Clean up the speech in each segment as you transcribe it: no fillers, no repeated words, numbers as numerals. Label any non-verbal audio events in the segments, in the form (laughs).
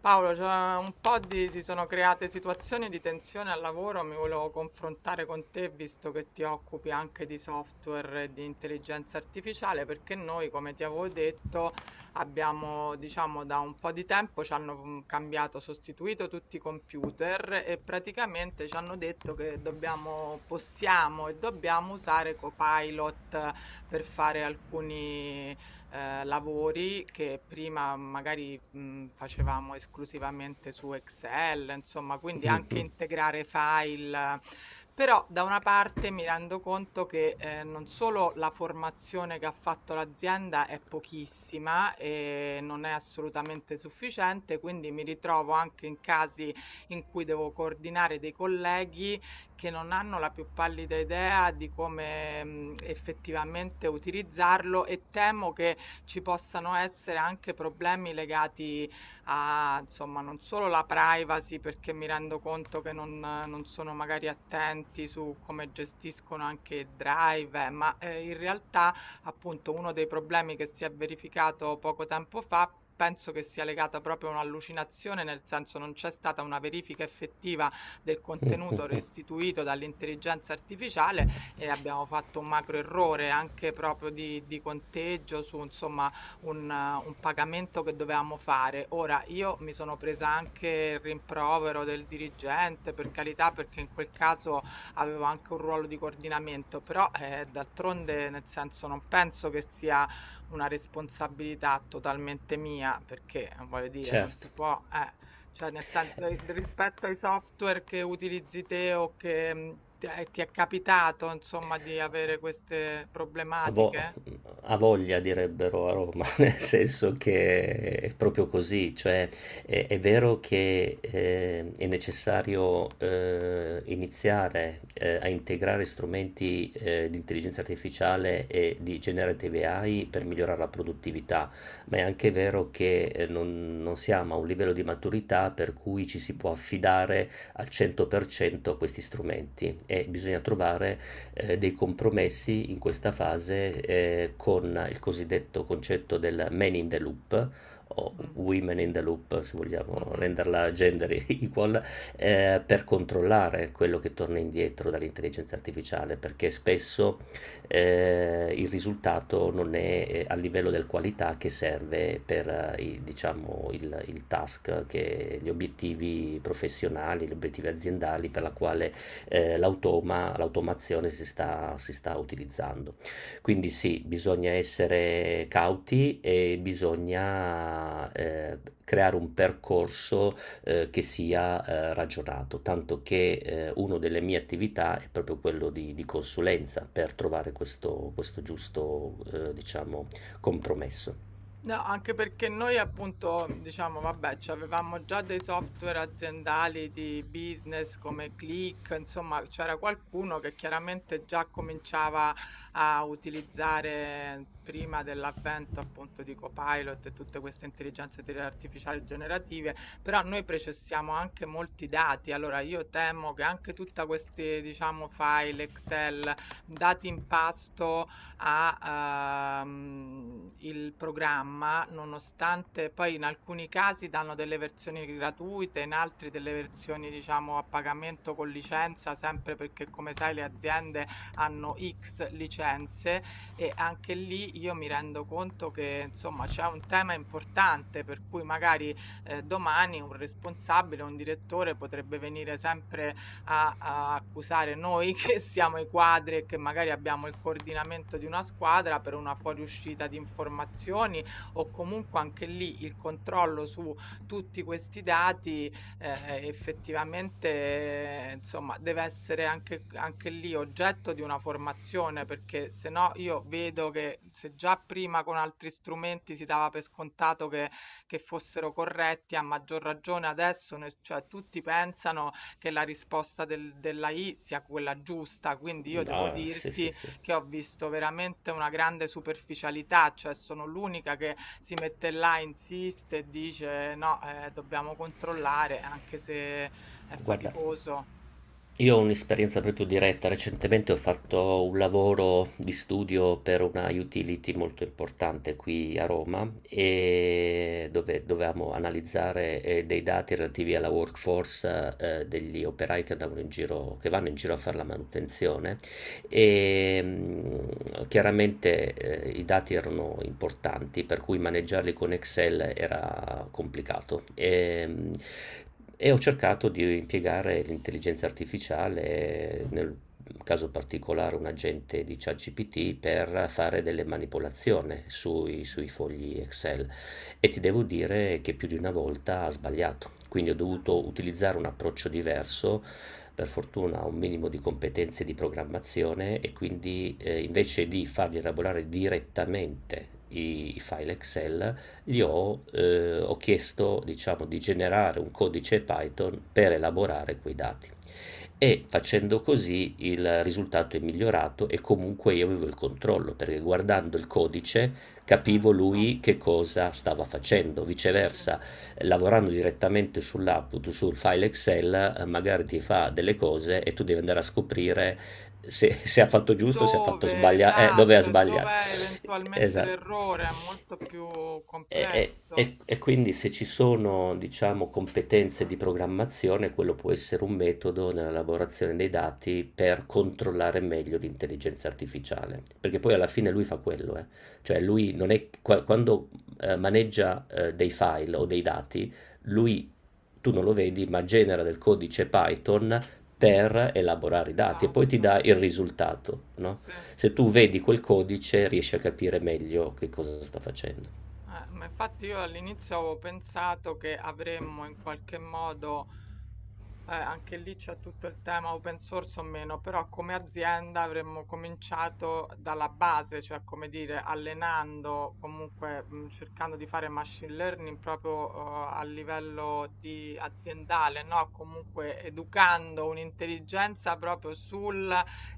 Paolo, c'è un po' di, si sono create situazioni di tensione al lavoro, mi volevo confrontare con te visto che ti occupi anche di software e di intelligenza artificiale, perché noi, come ti avevo detto, abbiamo, diciamo, da un po' di tempo ci hanno cambiato, sostituito tutti i computer e praticamente ci hanno detto che dobbiamo, possiamo e dobbiamo usare Copilot per fare alcuni lavori che prima magari, facevamo esclusivamente su Excel, insomma, quindi anche integrare file. Però da una parte mi rendo conto che, non solo la formazione che ha fatto l'azienda è pochissima e non è assolutamente sufficiente, quindi mi ritrovo anche in casi in cui devo coordinare dei colleghi che non hanno la più pallida idea di come, effettivamente utilizzarlo e temo che ci possano essere anche problemi legati a, insomma, non solo la privacy, perché mi rendo conto che non sono magari attenti su come gestiscono anche il drive, ma in realtà appunto uno dei problemi che si è verificato poco tempo fa penso che sia legata proprio a un'allucinazione, nel senso non c'è stata una verifica effettiva del contenuto restituito dall'intelligenza artificiale e abbiamo fatto un macro errore anche proprio di conteggio su insomma un pagamento che dovevamo fare. Ora io mi sono presa anche il rimprovero del dirigente, per carità, perché in quel caso avevo anche un ruolo di coordinamento, però d'altronde nel senso non penso che sia una responsabilità totalmente mia, perché voglio dire, non Certo. si può, cioè nel sen ri rispetto ai software che utilizzi te o che, ti è capitato insomma di avere queste A vo problematiche? A voglia direbbero a Roma, (laughs) nel senso che è proprio così, cioè è vero che, è necessario, iniziare, a integrare strumenti, di intelligenza artificiale e di generative AI per migliorare la produttività, ma è anche vero che, non siamo a un livello di maturità per cui ci si può affidare al 100% a questi strumenti e bisogna trovare dei compromessi in questa fase con il cosiddetto concetto del man in the loop o Mh, women in the loop, se vogliamo mh-mh. renderla gender (laughs) equal, per controllare quello che torna indietro dall'intelligenza artificiale, perché spesso il risultato non è a livello del qualità che serve per i, diciamo, il task, che, gli obiettivi professionali, gli obiettivi aziendali per la quale l'automazione si sta utilizzando. Quindi sì, bisogna essere cauti e bisogna creare un percorso che sia ragionato, tanto che una delle mie attività è proprio quello di consulenza per trovare questo, questo giusto, diciamo, compromesso. No, anche perché noi appunto, diciamo, vabbè, cioè, avevamo già dei software aziendali di business come Click, insomma, c'era qualcuno che chiaramente già cominciava a utilizzare prima dell'avvento appunto di Copilot e tutte queste intelligenze te- artificiali generative, però noi processiamo anche molti dati, allora io temo che anche tutta questi, diciamo, file Excel, dati in pasto a, il programma, nonostante poi in alcuni casi danno delle versioni gratuite, in altri delle versioni diciamo a pagamento con licenza, sempre perché come sai le aziende hanno X licenze e anche lì io mi rendo conto che insomma c'è un tema importante per cui magari, domani un responsabile, un direttore potrebbe venire sempre a accusare noi (laughs) che siamo i quadri e che magari abbiamo il coordinamento di una squadra per una fuoriuscita di informazioni o comunque anche lì il controllo su tutti questi dati effettivamente insomma deve essere anche, anche lì oggetto di una formazione perché se no io vedo che se già prima con altri strumenti si dava per scontato che fossero corretti a maggior ragione adesso ne- cioè, tutti pensano che la risposta del- dell'AI sia quella giusta, quindi io devo Ah, sì, sì, dirti sì. che ho visto veramente una grande superficialità, cioè sono l'unica che si mette là, insiste e dice no, dobbiamo controllare, anche se è Guarda, faticoso. io ho un'esperienza proprio diretta. Recentemente ho fatto un lavoro di studio per una utility molto importante qui a Roma e dove dovevamo analizzare dei dati relativi alla workforce degli operai che andavano in giro, che vanno in giro a fare la manutenzione e chiaramente i dati erano importanti, per cui maneggiarli con Excel era complicato. E ho cercato di impiegare l'intelligenza artificiale nel un caso particolare, un agente di ChatGPT per fare delle manipolazioni sui fogli Excel e ti devo dire che più di una volta ha sbagliato. Quindi ho Eh, dovuto utilizzare un approccio diverso. Per fortuna ho un minimo di competenze di programmazione e quindi invece di fargli elaborare direttamente i file Excel, eh, ho chiesto, diciamo, di generare un codice Python per elaborare quei dati. E facendo così il risultato è migliorato e comunque io avevo il controllo, perché guardando il codice capivo certo, lui che cosa stava facendo. sì. Viceversa, lavorando direttamente sull'output, sul file Excel, magari ti fa delle cose e tu devi andare a scoprire se ha fatto giusto, se ha fatto Dove, sbagliato, dove ha esatto, e dove sbagliato. è eventualmente Esatto. l'errore, è molto più E, e- complesso. e- e quindi se ci sono, diciamo, competenze di programmazione, quello può essere un metodo nella lavorazione dei dati per controllare meglio l'intelligenza artificiale, perché poi alla fine lui fa quello, eh. Cioè lui non è, quando maneggia dei file o dei dati, lui, tu non lo vedi, ma genera del codice Python per elaborare i dati e poi ti Esatto, dà il risultato, no? sì. Se tu vedi quel codice riesci a capire meglio che cosa sta facendo. Ma infatti io all'inizio avevo pensato che avremmo in qualche modo anche lì c'è tutto il tema open source o meno, però come azienda avremmo cominciato dalla base, cioè come dire, allenando, comunque cercando di fare machine learning proprio a livello di aziendale, no? Comunque educando un'intelligenza proprio sui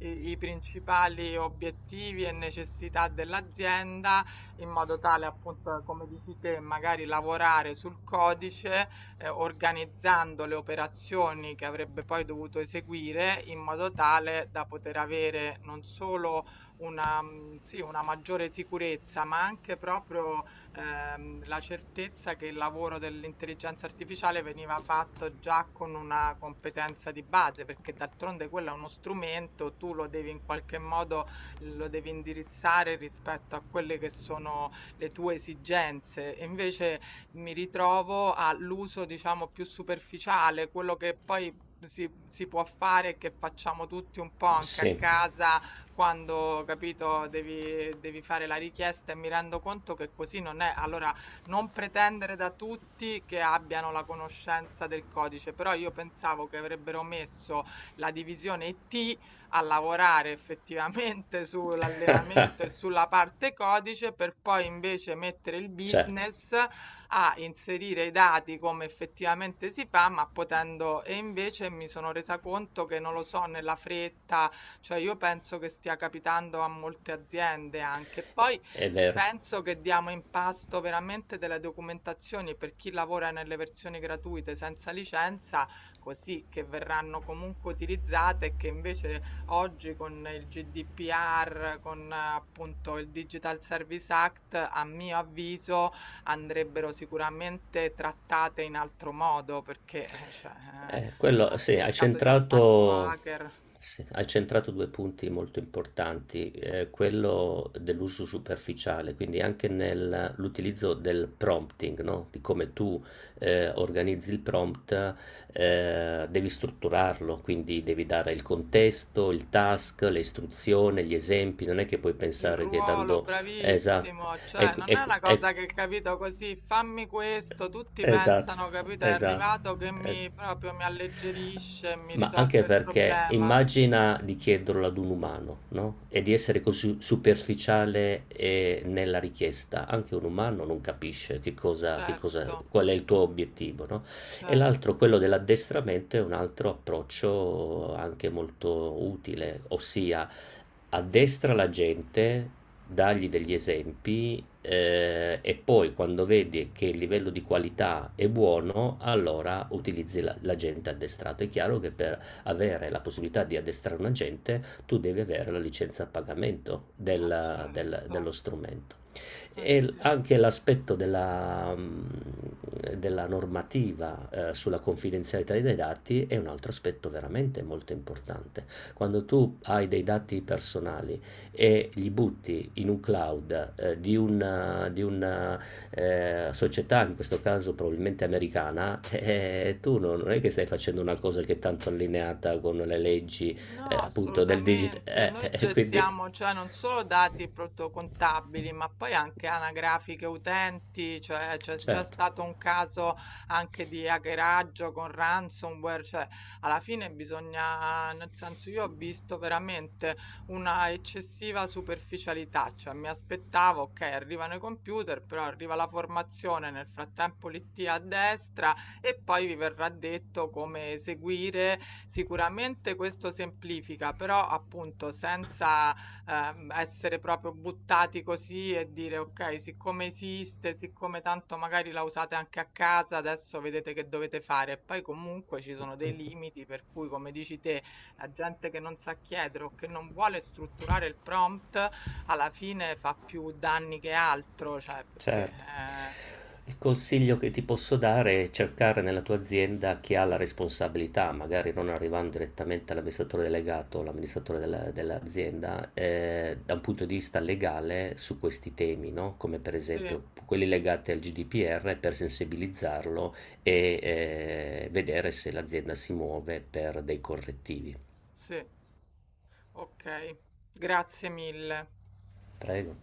i principali obiettivi e necessità dell'azienda, in modo tale appunto, come dici te, magari lavorare sul codice organizzando le operazioni che avrebbe poi dovuto eseguire in modo tale da poter avere non solo una, sì, una maggiore sicurezza, ma anche proprio la certezza che il lavoro dell'intelligenza artificiale veniva fatto già con una competenza di base, perché d'altronde quello è uno strumento, tu lo devi in qualche modo lo devi indirizzare rispetto a quelle che sono le tue esigenze. E invece mi ritrovo all'uso, diciamo, più superficiale, quello che poi si può fare e che facciamo tutti un po' anche a Sì, casa quando, capito, devi fare la richiesta e mi rendo conto che così non è. Allora, non pretendere da tutti che abbiano la conoscenza del codice, però io pensavo che avrebbero messo la divisione IT a lavorare effettivamente (laughs) sull'allenamento e sulla parte codice per poi invece mettere il certo, business a inserire i dati come effettivamente si fa, ma potendo e invece mi sono resa conto che non lo so, nella fretta, cioè io penso che stia capitando a molte aziende anche. Poi è vero. penso che diamo in pasto veramente delle documentazioni per chi lavora nelle versioni gratuite senza licenza, così che verranno comunque utilizzate e che invece oggi con il GDPR, con appunto il Digital Service Act, a mio avviso andrebbero sicuramente trattate in altro modo perché, cioè, Quello, anche in caso di attacco hacker, sì, hai centrato due punti molto importanti, quello dell'uso superficiale, quindi anche nell'utilizzo del prompting, no? Di come tu organizzi il prompt, devi strutturarlo, quindi devi dare il contesto, il task, le istruzioni, gli esempi, non è che puoi il pensare che ruolo, dando... Esatto, bravissimo, cioè ecco, non è ecco, una cosa ecco, che capito così, fammi questo, tutti esatto, pensano, capito, è esatto, arrivato che es mi proprio mi alleggerisce e mi ma anche risolve il perché problema. immagina di chiederlo ad un umano, no, e di essere così superficiale, nella richiesta. Anche un umano non capisce che cosa Certo, qual è il tuo obiettivo, no, e l'altro, certo, quello dell'addestramento, è un altro approccio anche molto utile, ossia addestra la gente, dargli degli esempi e poi quando vedi che il livello di qualità è buono, allora utilizzi l'agente addestrato. È chiaro che per avere la possibilità di addestrare un agente, tu devi avere la licenza a pagamento certo, dello strumento. ma sì. Anche l'aspetto della, della normativa sulla confidenzialità dei dati è un altro aspetto veramente molto importante. Quando tu hai dei dati personali, e li butti in un cloud di una, di una società, in questo caso probabilmente americana, (laughs) tu non è che stai facendo una cosa che è tanto allineata con le leggi No, appunto del digital. assolutamente. Noi Quindi, gestiamo, cioè, non solo dati protocontabili, ma poi anche anagrafiche utenti, cioè c'è già certo. stato un caso anche di hackeraggio con ransomware, cioè alla fine bisogna, nel senso io ho visto veramente una eccessiva superficialità, cioè mi aspettavo, ok, arrivano i computer, però arriva la formazione, nel frattempo l'IT a destra e poi vi verrà detto come eseguire. Sicuramente questo semplifica, però appunto senza essere proprio buttati così e dire ok, siccome esiste, siccome tanto magari la usate anche a casa, adesso vedete che dovete fare. E poi comunque ci sono dei limiti per cui, come dici te, la gente che non sa chiedere o che non vuole strutturare il prompt, alla fine fa più danni che altro, cioè perché... Certo. Il consiglio che ti posso dare è cercare nella tua azienda chi ha la responsabilità, magari non arrivando direttamente all'amministratore delegato o all'amministratore mm, dell'azienda, da un punto di vista legale su questi temi, no? Come per sì, esempio quelli legati al GDPR per sensibilizzarlo e vedere se l'azienda si muove per dei correttivi. sì. Okay, grazie mille. Prego.